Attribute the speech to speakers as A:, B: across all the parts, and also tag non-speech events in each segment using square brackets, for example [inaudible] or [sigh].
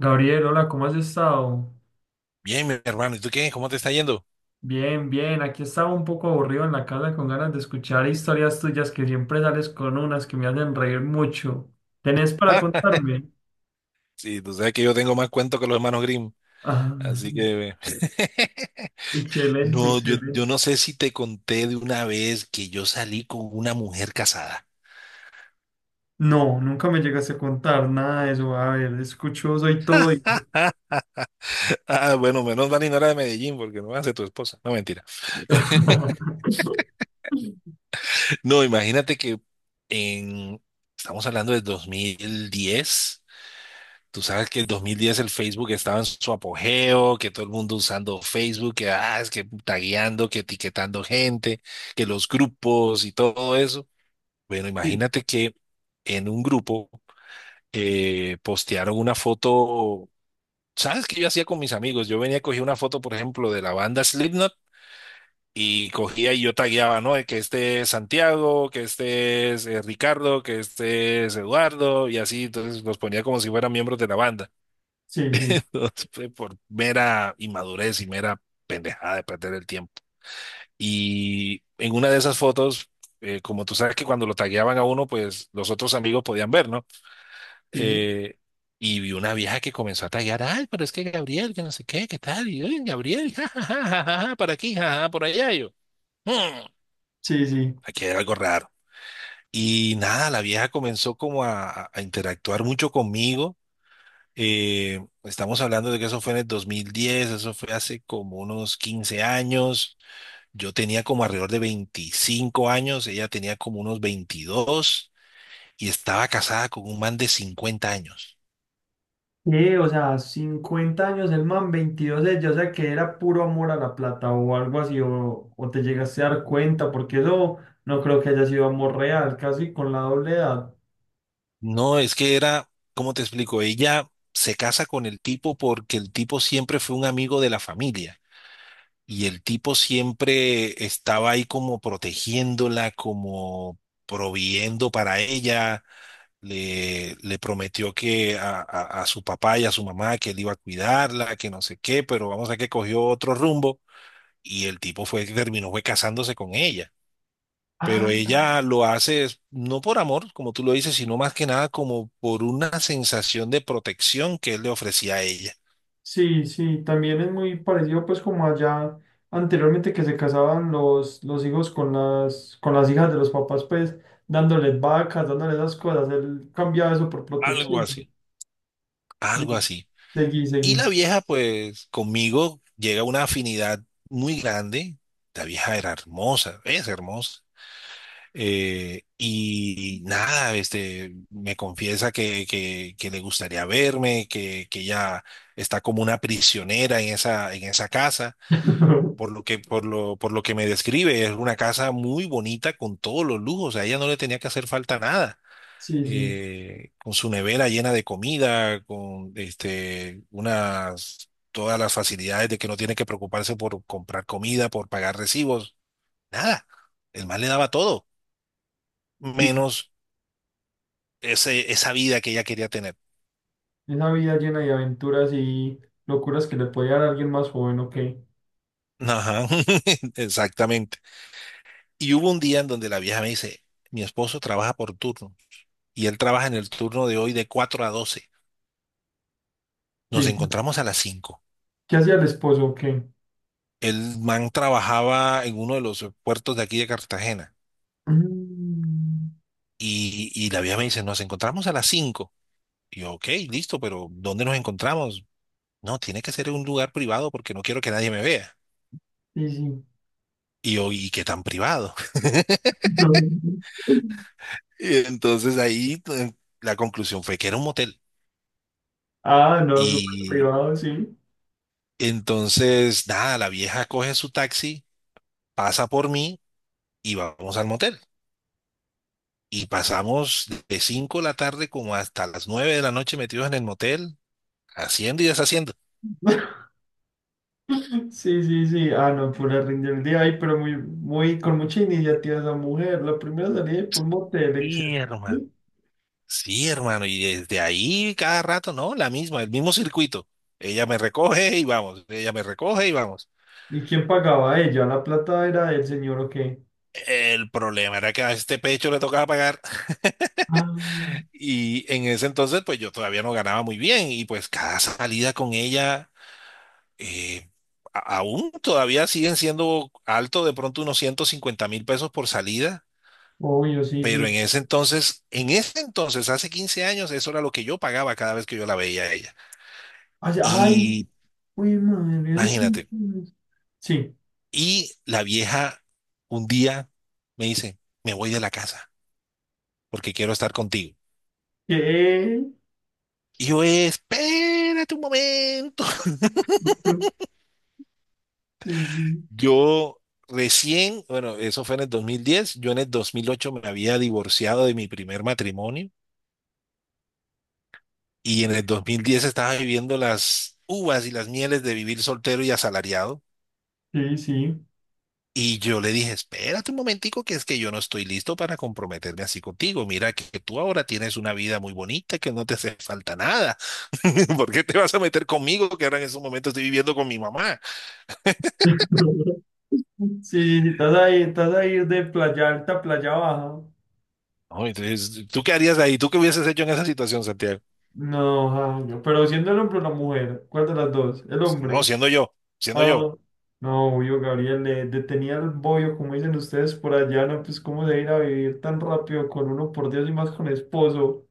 A: Gabriel, hola, ¿cómo has estado?
B: Bien, mi hermano, ¿y tú qué? ¿Cómo te está yendo? [laughs]
A: Bien, bien, aquí estaba un poco aburrido en la casa con ganas de escuchar historias tuyas que siempre sales con unas que me hacen reír mucho. ¿Tenés para
B: Ah,
A: contarme?
B: sí, tú sabes que yo tengo más cuento que los hermanos Grimm, así
A: Ay,
B: que... [laughs]
A: excelente,
B: No, yo
A: excelente.
B: no sé si te conté de una vez que yo salí con una mujer casada.
A: No, nunca me llegaste a contar nada de eso. A ver, escucho, soy todo.
B: [laughs] Ah, bueno, menos mal y no era de Medellín, porque no va a ser tu esposa. No, mentira. [laughs]
A: [laughs]
B: No, imagínate que en... Estamos hablando de 2010. Tú sabes que en 2010 el Facebook estaba en su apogeo, que todo el mundo usando Facebook, que es que tagueando, que etiquetando gente, que los grupos y todo eso. Bueno,
A: Sí,
B: imagínate que en un grupo postearon una foto. ¿Sabes qué yo hacía con mis amigos? Yo venía a coger una foto, por ejemplo, de la banda Slipknot y cogía y yo tagueaba, ¿no? Que este es Santiago, que este es Ricardo, que este es Eduardo y así. Entonces los ponía como si fueran miembros de la banda.
A: sí, sí,
B: [laughs] Fue por mera inmadurez y mera pendejada de perder el tiempo. Y en una de esas fotos, como tú sabes que cuando lo tagueaban a uno, pues los otros amigos podían ver, ¿no?
A: sí,
B: Eh, y vi una vieja que comenzó a taguear. Ay, pero es que Gabriel, que no sé qué, qué tal, y "Ay, Gabriel, [laughs] ja, ja, ja, ja, ja, ja, por aquí, ja, ja, por allá". Y yo, "Hmm,
A: sí, sí.
B: aquí hay algo raro. Y nada, la vieja comenzó como a interactuar mucho conmigo. Estamos hablando de que eso fue en el 2010, eso fue hace como unos 15 años. Yo tenía como alrededor de 25 años, ella tenía como unos 22 y estaba casada con un man de 50 años.
A: Sí, o sea, 50 años el man, 22 ella, o sea que era puro amor a la plata o algo así, o te llegaste a dar cuenta, porque eso no creo que haya sido amor real, casi con la doble edad.
B: No, es que era, ¿cómo te explico? Ella se casa con el tipo porque el tipo siempre fue un amigo de la familia y el tipo siempre estaba ahí como protegiéndola, como proviendo para ella. Le prometió que a su papá y a su mamá que él iba a cuidarla, que no sé qué, pero vamos a que cogió otro rumbo y el tipo fue, terminó fue casándose con ella.
A: Ah,
B: Pero ella lo hace es no por amor, como tú lo dices, sino más que nada como por una sensación de protección que él le ofrecía a ella.
A: sí, sí, también es muy parecido pues como allá anteriormente que se casaban los hijos con las hijas de los papás, pues dándoles vacas, dándoles esas cosas, él cambiaba eso por
B: Algo
A: protección, ¿no?
B: así,
A: Sí,
B: algo así.
A: seguí,
B: Y
A: seguí.
B: la vieja, pues conmigo llega a una afinidad muy grande. La vieja era hermosa, es hermosa. Y nada, me confiesa que le gustaría verme, que ella está como una prisionera en esa casa, por
A: [laughs]
B: lo que, por lo, por lo que me describe, es una casa muy bonita con todos los lujos, a ella no le tenía que hacer falta nada.
A: Sí, sí.
B: Eh, con su nevera llena de comida, con todas las facilidades, de que no tiene que preocuparse por comprar comida, por pagar recibos, nada. El más le daba todo menos esa vida que ella quería tener.
A: Esa vida llena de aventuras y locuras que le puede dar a alguien más joven, ¿o qué?
B: Ajá, [laughs] exactamente. Y hubo un día en donde la vieja me dice: mi esposo trabaja por turno y él trabaja en el turno de hoy de 4 a 12. Nos
A: Sí, ¿qué
B: encontramos a las 5.
A: hacía el esposo, o qué?
B: El man trabajaba en uno de los puertos de aquí de Cartagena,
A: Mm,
B: y la vieja me dice, nos encontramos a las cinco. Y yo, ok, listo, pero ¿dónde nos encontramos? No, tiene que ser en un lugar privado porque no quiero que nadie me vea.
A: sí, sí.
B: Y yo, ¿y qué tan privado?
A: [laughs]
B: [laughs] Y entonces ahí la conclusión fue que era un motel.
A: Ah, no, súper
B: Y
A: privado, sí.
B: entonces, nada, la vieja coge su taxi, pasa por mí y vamos al motel. Y pasamos de 5 de la tarde como hasta las 9 de la noche metidos en el motel, haciendo y deshaciendo.
A: [laughs] Sí, sí, sí. Ah, no, pura rinda el día. Ay, pero muy, muy, con mucha iniciativa esa mujer. La primera salida por un motel,
B: Sí,
A: excelente.
B: hermano. Sí, hermano. Y desde ahí cada rato, ¿no? La misma, el mismo circuito. Ella me recoge y vamos. Ella me recoge y vamos.
A: ¿Y quién pagaba? ¿Ella? ¿La plata era del señor o qué?
B: El problema era que a este pecho le tocaba pagar. [laughs]
A: Ah,
B: Y en ese entonces, pues yo todavía no ganaba muy bien. Y pues cada salida con ella eh, aún todavía siguen siendo alto de pronto unos 150.000 pesos por salida,
A: obvio, sí,
B: pero
A: sí.
B: en ese entonces, hace 15 años, eso era lo que yo pagaba cada vez que yo la veía a ella.
A: Ay, ay,
B: Y
A: uy, madre, ¿ese quién
B: imagínate,
A: es? Sí.
B: y la vieja un día me dice: me voy de la casa porque quiero estar contigo.
A: ¿Qué?
B: Y yo, espérate un momento. [laughs]
A: Sí, sí,
B: Yo recién, bueno, eso fue en el 2010. Yo en el 2008 me había divorciado de mi primer matrimonio y en el 2010 estaba viviendo las uvas y las mieles de vivir soltero y asalariado.
A: sí, sí.
B: Y yo le dije, espérate un momentico, que es que yo no estoy listo para comprometerme así contigo. Mira que tú ahora tienes una vida muy bonita, que no te hace falta nada. [laughs] ¿Por qué te vas a meter conmigo, que ahora en esos momentos estoy viviendo con mi mamá?
A: Sí, sí, sí, estás ahí de playa alta a playa baja.
B: No, entonces, ¿tú qué harías ahí? ¿Tú qué hubieses hecho en esa situación, Santiago?
A: No, Jaime, pero siendo el hombre o la mujer, ¿cuál de las dos? El
B: Pues, no,
A: hombre.
B: siendo yo, siendo yo.
A: Ah, no, obvio, Gabriel, le detenía el bollo, como dicen ustedes por allá, no, pues cómo se ir a vivir tan rápido con uno, por Dios, y más con esposo.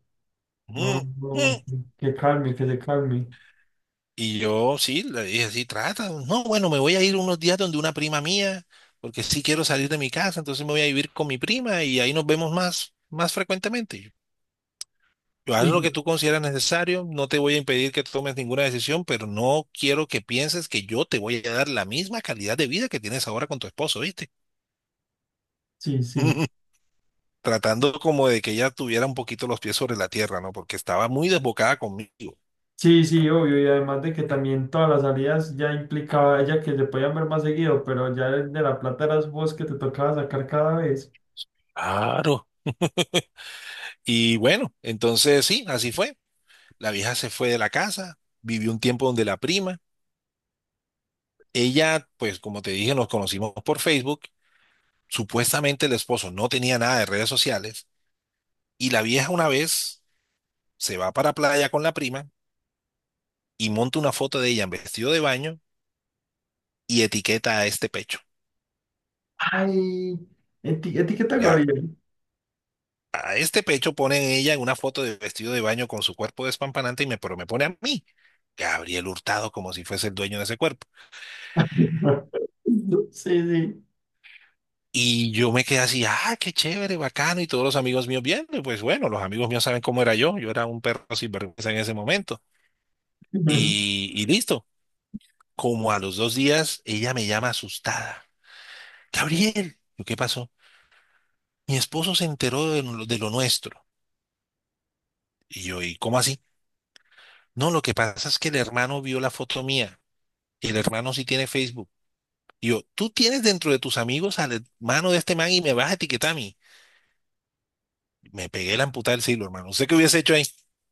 A: No,
B: Mm, mm.
A: no, que calme, que se calme.
B: Y yo sí, le dije, sí, trata. No, bueno, me voy a ir unos días donde una prima mía, porque sí quiero salir de mi casa, entonces me voy a vivir con mi prima y ahí nos vemos más, más frecuentemente. Yo haz
A: Y
B: lo que tú consideras necesario, no te voy a impedir que tomes ninguna decisión, pero no quiero que pienses que yo te voy a dar la misma calidad de vida que tienes ahora con tu esposo, ¿viste?
A: sí, sí.
B: [laughs] Tratando como de que ella tuviera un poquito los pies sobre la tierra, ¿no? Porque estaba muy desbocada conmigo.
A: Sí, sí, obvio, y además de que también todas las salidas ya implicaba ella que se podían ver más seguido, pero ya el de la plata eras vos que te tocaba sacar cada vez.
B: Claro. Y bueno, entonces sí, así fue. La vieja se fue de la casa, vivió un tiempo donde la prima. Ella, pues como te dije, nos conocimos por Facebook. Supuestamente el esposo no tenía nada de redes sociales. Y la vieja una vez se va para playa con la prima y monta una foto de ella en vestido de baño y etiqueta a este pecho.
A: Ay, etiqueta
B: Ya,
A: Gabriel.
B: a este pecho pone ella en una foto de vestido de baño con su cuerpo despampanante y me, pero me pone a mí, Gabriel Hurtado, como si fuese el dueño de ese cuerpo.
A: [laughs] Sí, sí.
B: Y yo me quedé así, ah, qué chévere, bacano, y todos los amigos míos viendo, y pues bueno, los amigos míos saben cómo era yo, yo era un perro sinvergüenza en ese momento.
A: [laughs]
B: Y listo, como a los 2 días, ella me llama asustada. Gabriel, yo, ¿qué pasó? Mi esposo se enteró de lo nuestro. Y yo, ¿y cómo así? No, lo que pasa es que el hermano vio la foto mía, y el hermano sí tiene Facebook. Y yo, tú tienes dentro de tus amigos al hermano de este man y me vas a etiquetar a mí. Me pegué la amputada del siglo, hermano. No sé qué hubiese hecho ahí.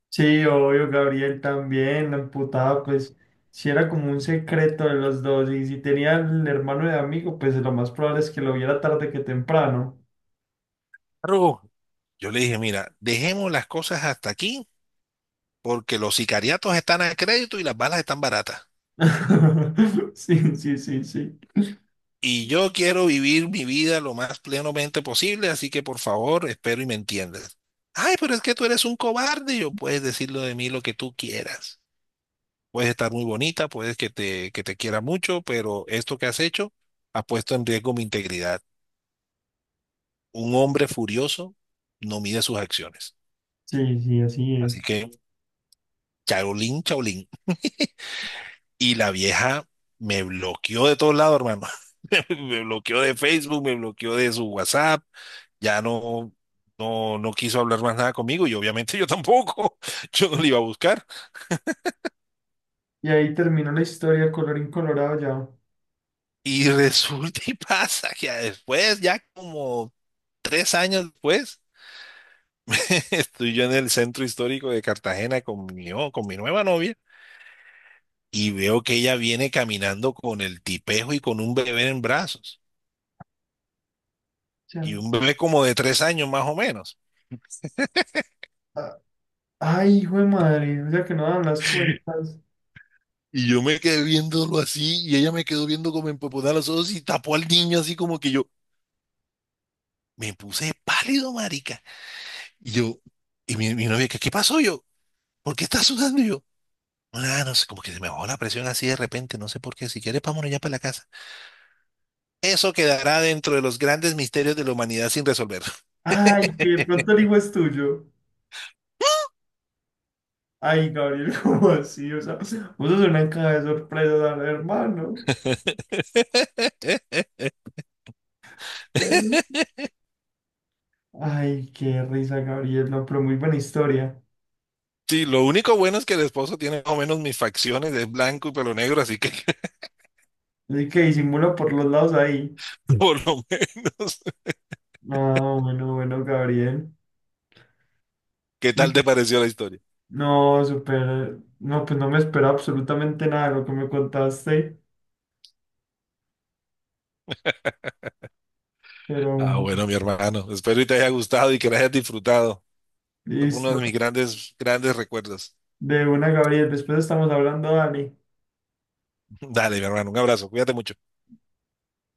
A: Sí, obvio, Gabriel también, la emputada, pues, si era como un secreto de los dos, y si tenía el hermano de amigo, pues lo más probable es que lo viera tarde que temprano.
B: Arrugo. Yo le dije, mira, dejemos las cosas hasta aquí porque los sicariatos están a crédito y las balas están baratas.
A: [laughs] Sí, sí, sí, sí.
B: Y yo quiero vivir mi vida lo más plenamente posible, así que por favor, espero y me entiendas. Ay, pero es que tú eres un cobarde. Yo puedes decirlo de mí lo que tú quieras. Puedes estar muy bonita, puedes que te quiera mucho, pero esto que has hecho ha puesto en riesgo mi integridad. Un hombre furioso no mide sus acciones.
A: Sí, sí, así
B: Así
A: es.
B: que, chaolín, chaolín. Y la vieja me bloqueó de todos lados, hermano. [laughs] Me bloqueó de Facebook, me bloqueó de su WhatsApp, ya no, no, no quiso hablar más nada conmigo y obviamente yo tampoco, [laughs] yo no le iba a buscar.
A: Y ahí terminó la historia, colorín colorado ya. O
B: Y [laughs] resulta y pasa que ya después, ya como 3 años después, [laughs] estoy yo en el centro histórico de Cartagena con mi, con mi nueva novia, y veo que ella viene caminando con el tipejo y con un bebé en brazos, y
A: sea,
B: un bebé como de 3 años más o menos.
A: ah, ay, hijo de madre, o sea que no dan las cuentas.
B: Y yo me quedé viéndolo así y ella me quedó viendo como empopotada los ojos y tapó al niño así como que yo me puse pálido, marica. Y yo, y mi novia, ¿qué pasó yo? ¿Por qué estás sudando? Y yo, ah, no sé, como que se me bajó la presión así de repente, no sé por qué. Si quieres, vámonos ya para la casa. Eso quedará dentro de los grandes misterios de la humanidad sin resolver.
A: Ay, que de pronto el hijo es tuyo. Ay, Gabriel, [laughs] ¿cómo así? O sea, vos sos una caja de sorpresas al hermano.
B: [laughs]
A: Pero- Ay, qué risa, Gabriel, no, pero muy buena historia.
B: Sí, lo único bueno es que el esposo tiene más o menos mis facciones, es blanco y pelo negro, así que [laughs]
A: Así que disimula por los lados ahí.
B: por lo menos. [laughs]
A: No, bueno, bueno, Gabriel.
B: ¿Qué
A: Y-
B: tal te pareció la historia?
A: No, súper. No, pues no me esperaba absolutamente nada de lo que me contaste, pero
B: Ah,
A: bueno,
B: bueno, mi hermano. Espero y te haya gustado y que lo hayas disfrutado. Fue uno de
A: listo.
B: mis grandes, grandes recuerdos.
A: De una, Gabriel. Después estamos hablando, Dani.
B: [laughs] Dale, mi hermano. Un abrazo. Cuídate mucho.